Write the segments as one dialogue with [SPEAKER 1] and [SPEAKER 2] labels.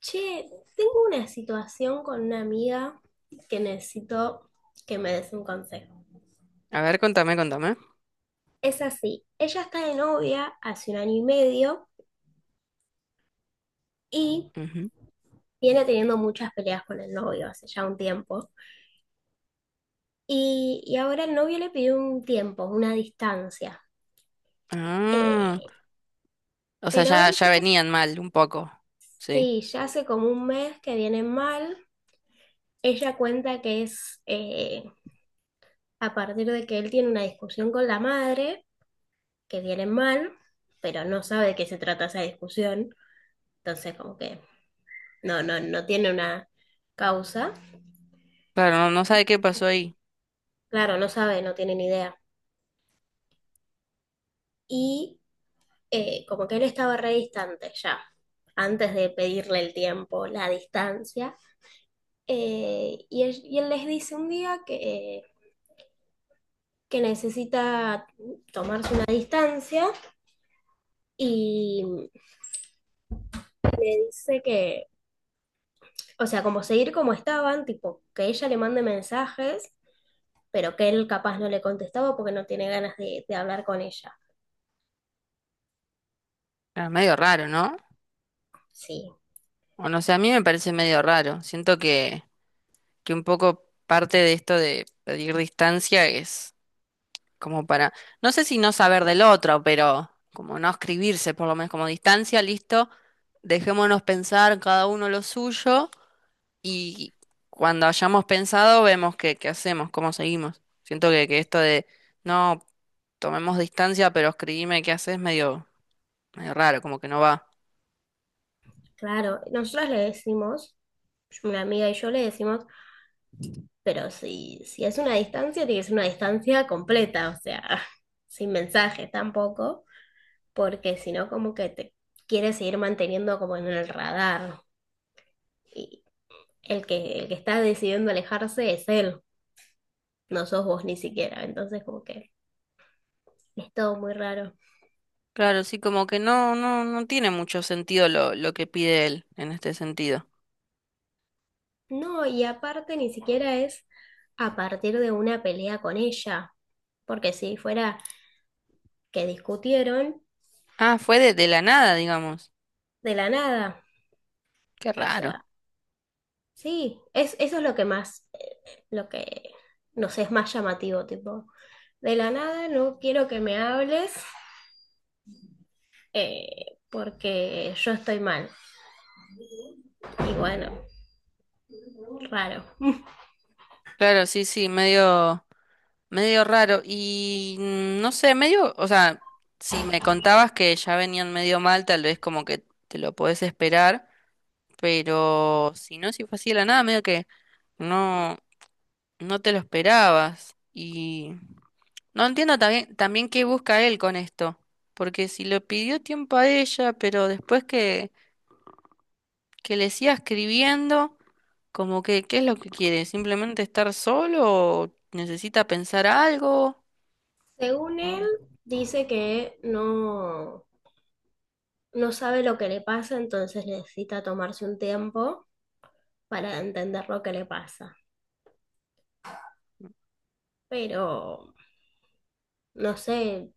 [SPEAKER 1] Che, tengo una situación con una amiga que necesito que me des un consejo.
[SPEAKER 2] A ver, contame, contame.
[SPEAKER 1] Es así, ella está de novia hace un año y medio y
[SPEAKER 2] Ujú.
[SPEAKER 1] viene teniendo muchas peleas con el novio hace ya un tiempo. Y ahora el novio le pidió un tiempo, una distancia.
[SPEAKER 2] Ah,
[SPEAKER 1] Eh,
[SPEAKER 2] o sea,
[SPEAKER 1] pero
[SPEAKER 2] ya,
[SPEAKER 1] él
[SPEAKER 2] ya venían mal un poco. Sí.
[SPEAKER 1] sí, ya hace como un mes que viene mal. Ella cuenta que es a partir de que él tiene una discusión con la madre. Que vienen mal, pero no sabe de qué se trata esa discusión, entonces como que no tiene una causa,
[SPEAKER 2] Claro, no sabe qué pasó ahí.
[SPEAKER 1] claro, no sabe, no tiene ni idea. Y Como que él estaba re distante ya, antes de pedirle el tiempo, la distancia, y él les dice un día que necesita tomarse una distancia y le dice o sea, como seguir como estaban, tipo, que ella le mande mensajes pero que él capaz no le contestaba porque no tiene ganas de hablar con ella.
[SPEAKER 2] Era medio raro, ¿no?
[SPEAKER 1] Sí,
[SPEAKER 2] O no sé, a mí me parece medio raro. Siento que un poco parte de esto de pedir distancia es como para, no sé si no saber del otro, pero como no escribirse, por lo menos como distancia, listo, dejémonos pensar cada uno lo suyo. Y cuando hayamos pensado, vemos qué, qué hacemos, cómo seguimos. Siento que esto de no tomemos distancia, pero escribime qué haces, medio, medio raro, como que no va.
[SPEAKER 1] claro, nosotros le decimos, una amiga y yo le decimos, pero si es una distancia, tiene que ser una distancia completa, o sea, sin mensajes tampoco, porque si no como que te quiere seguir manteniendo como en el radar. Y el que está decidiendo alejarse es él, no sos vos ni siquiera, entonces como que es todo muy raro.
[SPEAKER 2] Claro, sí, como que no, no, no tiene mucho sentido lo que pide él en este sentido.
[SPEAKER 1] No, y aparte ni siquiera es a partir de una pelea con ella, porque si fuera que discutieron
[SPEAKER 2] Ah, fue de la nada, digamos.
[SPEAKER 1] de la nada,
[SPEAKER 2] Qué
[SPEAKER 1] o
[SPEAKER 2] raro.
[SPEAKER 1] sea, sí, eso es lo que más, no sé, es más llamativo, tipo, de la nada no quiero que me hables porque yo estoy mal. Y bueno, raro.
[SPEAKER 2] Claro, sí, sí, medio, medio raro. Y no sé, medio, o sea, si me contabas que ya venían medio mal, tal vez como que te lo podés esperar. Pero si no, si fue así de la nada, medio que no, no te lo esperabas. Y no entiendo también, también qué busca él con esto. Porque si lo pidió tiempo a ella, pero después que le siga escribiendo, como que, ¿qué es lo que quiere? ¿Simplemente estar solo o necesita pensar algo?
[SPEAKER 1] Según él,
[SPEAKER 2] Mm.
[SPEAKER 1] dice que no, no sabe lo que le pasa, entonces necesita tomarse un tiempo para entender lo que le pasa. Pero, no sé,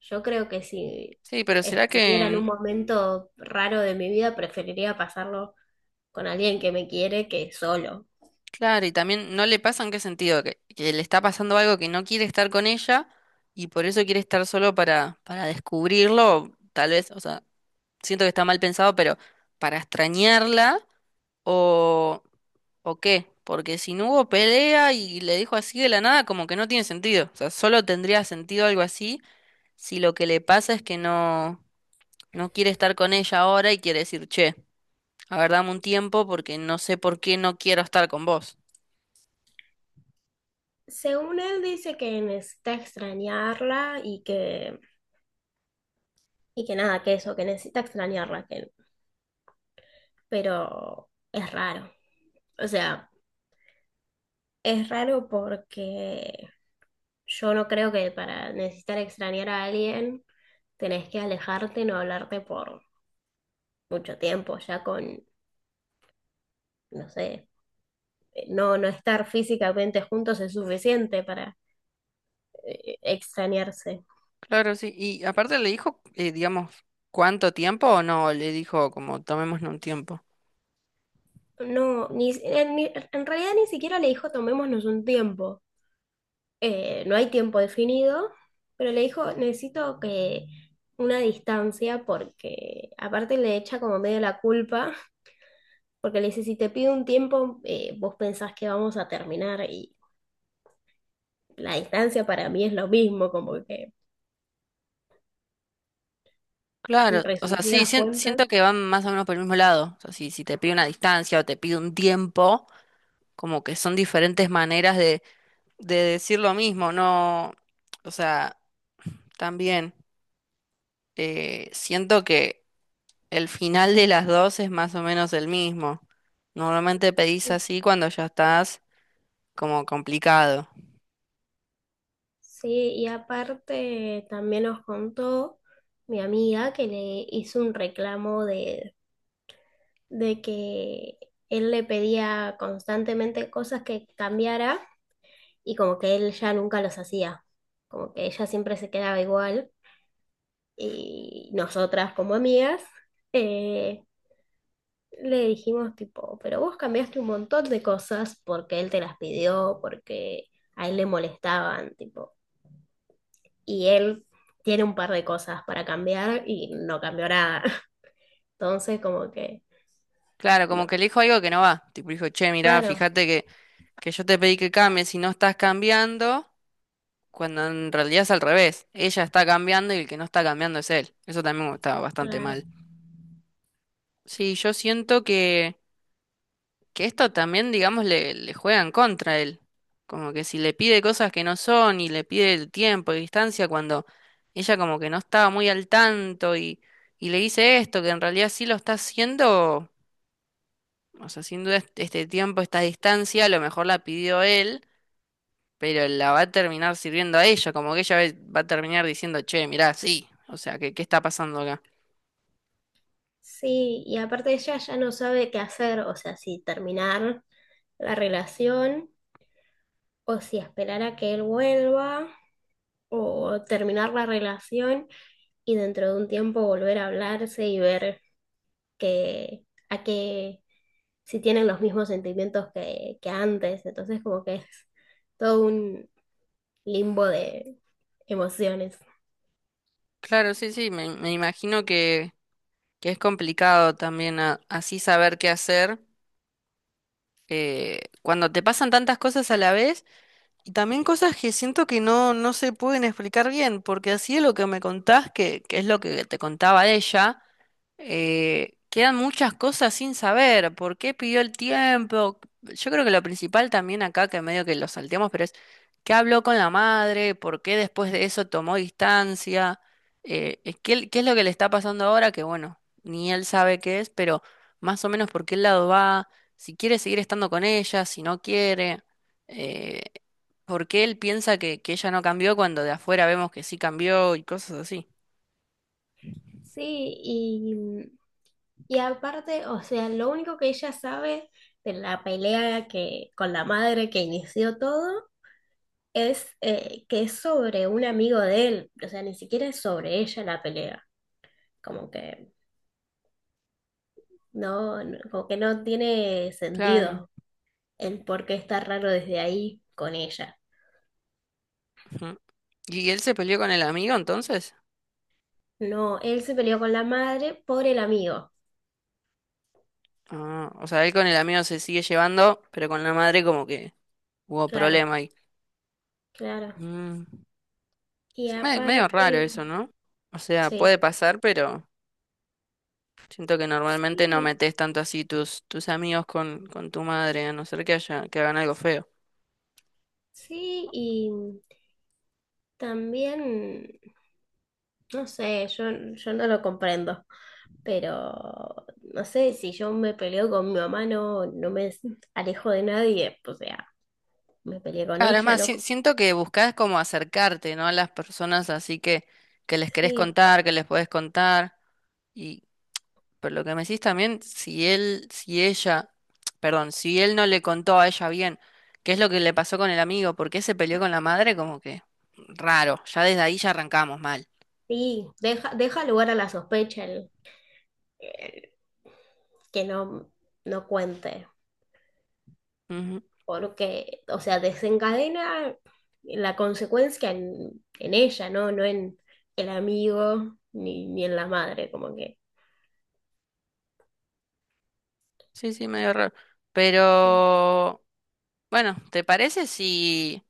[SPEAKER 1] yo creo que si
[SPEAKER 2] Sí, pero ¿será
[SPEAKER 1] estuviera en un
[SPEAKER 2] que...
[SPEAKER 1] momento raro de mi vida, preferiría pasarlo con alguien que me quiere que solo.
[SPEAKER 2] Claro, y también no le pasa en qué sentido, que le está pasando algo que no quiere estar con ella y por eso quiere estar solo para descubrirlo, tal vez, o sea, siento que está mal pensado, pero para extrañarla o, o qué, porque si no hubo pelea y le dijo así de la nada, como que no tiene sentido, o sea, solo tendría sentido algo así si lo que le pasa es que no, no quiere estar con ella ahora y quiere decir, che, a ver, dame un tiempo porque no sé por qué no quiero estar con vos.
[SPEAKER 1] Según él dice que necesita extrañarla y que nada, que eso, que necesita extrañarla, que, pero es raro. O sea, es raro porque yo no creo que para necesitar extrañar a alguien tenés que alejarte, no hablarte por mucho tiempo, ya con, no sé, no estar físicamente juntos es suficiente para extrañarse.
[SPEAKER 2] Claro, sí. Y aparte le dijo, digamos, cuánto tiempo o no, le dijo como tomémonos un tiempo.
[SPEAKER 1] No, ni, si, en, ni- En realidad ni siquiera le dijo tomémonos un tiempo. No hay tiempo definido, pero le dijo necesito que una distancia porque aparte le echa como medio la culpa, porque le dice si te pido un tiempo, vos pensás que vamos a terminar y la distancia para mí es lo mismo, como que
[SPEAKER 2] Claro,
[SPEAKER 1] en
[SPEAKER 2] o sea, sí,
[SPEAKER 1] resumidas
[SPEAKER 2] sien-
[SPEAKER 1] cuentas.
[SPEAKER 2] siento que van más o menos por el mismo lado. O sea, si, si te pide una distancia o te pide un tiempo, como que son diferentes maneras de decir lo mismo, ¿no? O sea, también siento que el final de las dos es más o menos el mismo. Normalmente pedís así cuando ya estás como complicado.
[SPEAKER 1] Sí, y aparte también nos contó mi amiga que le hizo un reclamo de que él le pedía constantemente cosas que cambiara y como que él ya nunca los hacía, como que ella siempre se quedaba igual y nosotras como amigas eh, le dijimos tipo, pero vos cambiaste un montón de cosas porque él te las pidió, porque a él le molestaban, y él tiene un par de cosas para cambiar y no cambió nada. Entonces, como que,
[SPEAKER 2] Claro, como
[SPEAKER 1] no,
[SPEAKER 2] que le dijo algo que no va. Tipo, dijo, che, mirá,
[SPEAKER 1] claro,
[SPEAKER 2] fíjate que yo te pedí que cambies y no estás cambiando, cuando en realidad es al revés. Ella está cambiando y el que no está cambiando es él. Eso también está bastante
[SPEAKER 1] claro.
[SPEAKER 2] mal. Sí, yo siento que esto también, digamos, le juega en contra a él. Como que si le pide cosas que no son y le pide el tiempo y distancia cuando ella como que no estaba muy al tanto y le dice esto, que en realidad sí lo está haciendo. O sea, sin duda este tiempo, esta distancia, a lo mejor la pidió él, pero la va a terminar sirviendo a ella, como que ella ve- va a terminar diciendo, che, mirá, sí, o sea, ¿qué, qué está pasando acá?
[SPEAKER 1] Sí, y aparte ella ya no sabe qué hacer, o sea, si terminar la relación o si esperar a que él vuelva o terminar la relación y dentro de un tiempo volver a hablarse y ver que a qué si tienen los mismos sentimientos que antes. Entonces, como que es todo un, limbo de emociones.
[SPEAKER 2] Claro, sí, sí, me imagino que es complicado también a- así saber qué hacer. Eh, cuando te pasan tantas cosas a la vez. Y también cosas que siento que no, no se pueden explicar bien, porque así es lo que me contás, que es lo que te contaba ella, quedan muchas cosas sin saber. ¿Por qué pidió el tiempo? Yo creo que lo principal también acá, que medio que lo salteamos, pero es qué habló con la madre, por qué después de eso tomó distancia, es qué, qué es lo que le está pasando ahora, que bueno, ni él sabe qué es, pero más o menos por qué lado va, si quiere seguir estando con ella, si no quiere. eh, por qué él piensa que ella no cambió cuando de afuera vemos que sí cambió y cosas así.
[SPEAKER 1] Sí, y, y aparte, o sea, lo único que ella sabe de la pelea con la madre que inició todo es que es sobre un amigo de él, o sea, ni siquiera es sobre ella la pelea, como que como que no tiene
[SPEAKER 2] Claro.
[SPEAKER 1] sentido el por qué está raro desde ahí con ella.
[SPEAKER 2] Ujú. ¿Y él se peleó con el amigo entonces?
[SPEAKER 1] No, él se peleó con la madre por el amigo,
[SPEAKER 2] Ah, o sea, él con el amigo se sigue llevando, pero con la madre como que hubo
[SPEAKER 1] claro,
[SPEAKER 2] problema ahí.
[SPEAKER 1] claro.
[SPEAKER 2] Mm.
[SPEAKER 1] Y
[SPEAKER 2] Sí, me- medio raro
[SPEAKER 1] aparte,
[SPEAKER 2] eso, ¿no? O sea,
[SPEAKER 1] sí.
[SPEAKER 2] puede pasar, pero siento que normalmente no
[SPEAKER 1] Sí,
[SPEAKER 2] metes tanto así tus, tus amigos con tu madre, a no ser que haya, que hagan algo feo.
[SPEAKER 1] sí, y también, no sé, yo no lo comprendo, pero no sé, si yo me peleo con mi mamá, no, no me alejo de nadie, o sea, me peleé con
[SPEAKER 2] Claro, es
[SPEAKER 1] ella,
[SPEAKER 2] más,
[SPEAKER 1] no,
[SPEAKER 2] si- siento que buscás como acercarte, ¿no? A las personas así que les querés
[SPEAKER 1] sí,
[SPEAKER 2] contar, que les podés contar. Y, pero lo que me decís también, si él, si ella, perdón, si él no le contó a ella bien qué es lo que le pasó con el amigo, por qué se peleó con la madre, como que raro, ya desde ahí ya arrancamos mal.
[SPEAKER 1] sí, deja lugar a la sospecha el que no, no cuente,
[SPEAKER 2] Ujú.
[SPEAKER 1] porque, o sea, desencadena la consecuencia en ella, ¿no? No en el amigo ni en la madre, como que,
[SPEAKER 2] Sí, sí, medio raro. Pero, bueno, ¿te parece si,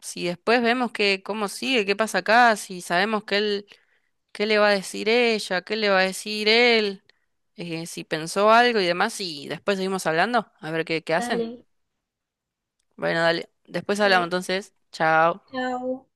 [SPEAKER 2] si después vemos que, cómo sigue, qué pasa acá, si sabemos que él... ¿Qué le va a decir ella? ¿Qué le va a decir él? Si pensó algo y demás, y después seguimos hablando, a ver qué, qué hacen.
[SPEAKER 1] dale.
[SPEAKER 2] Bueno, dale, después hablamos
[SPEAKER 1] Sí.
[SPEAKER 2] entonces. Chao.
[SPEAKER 1] Chao.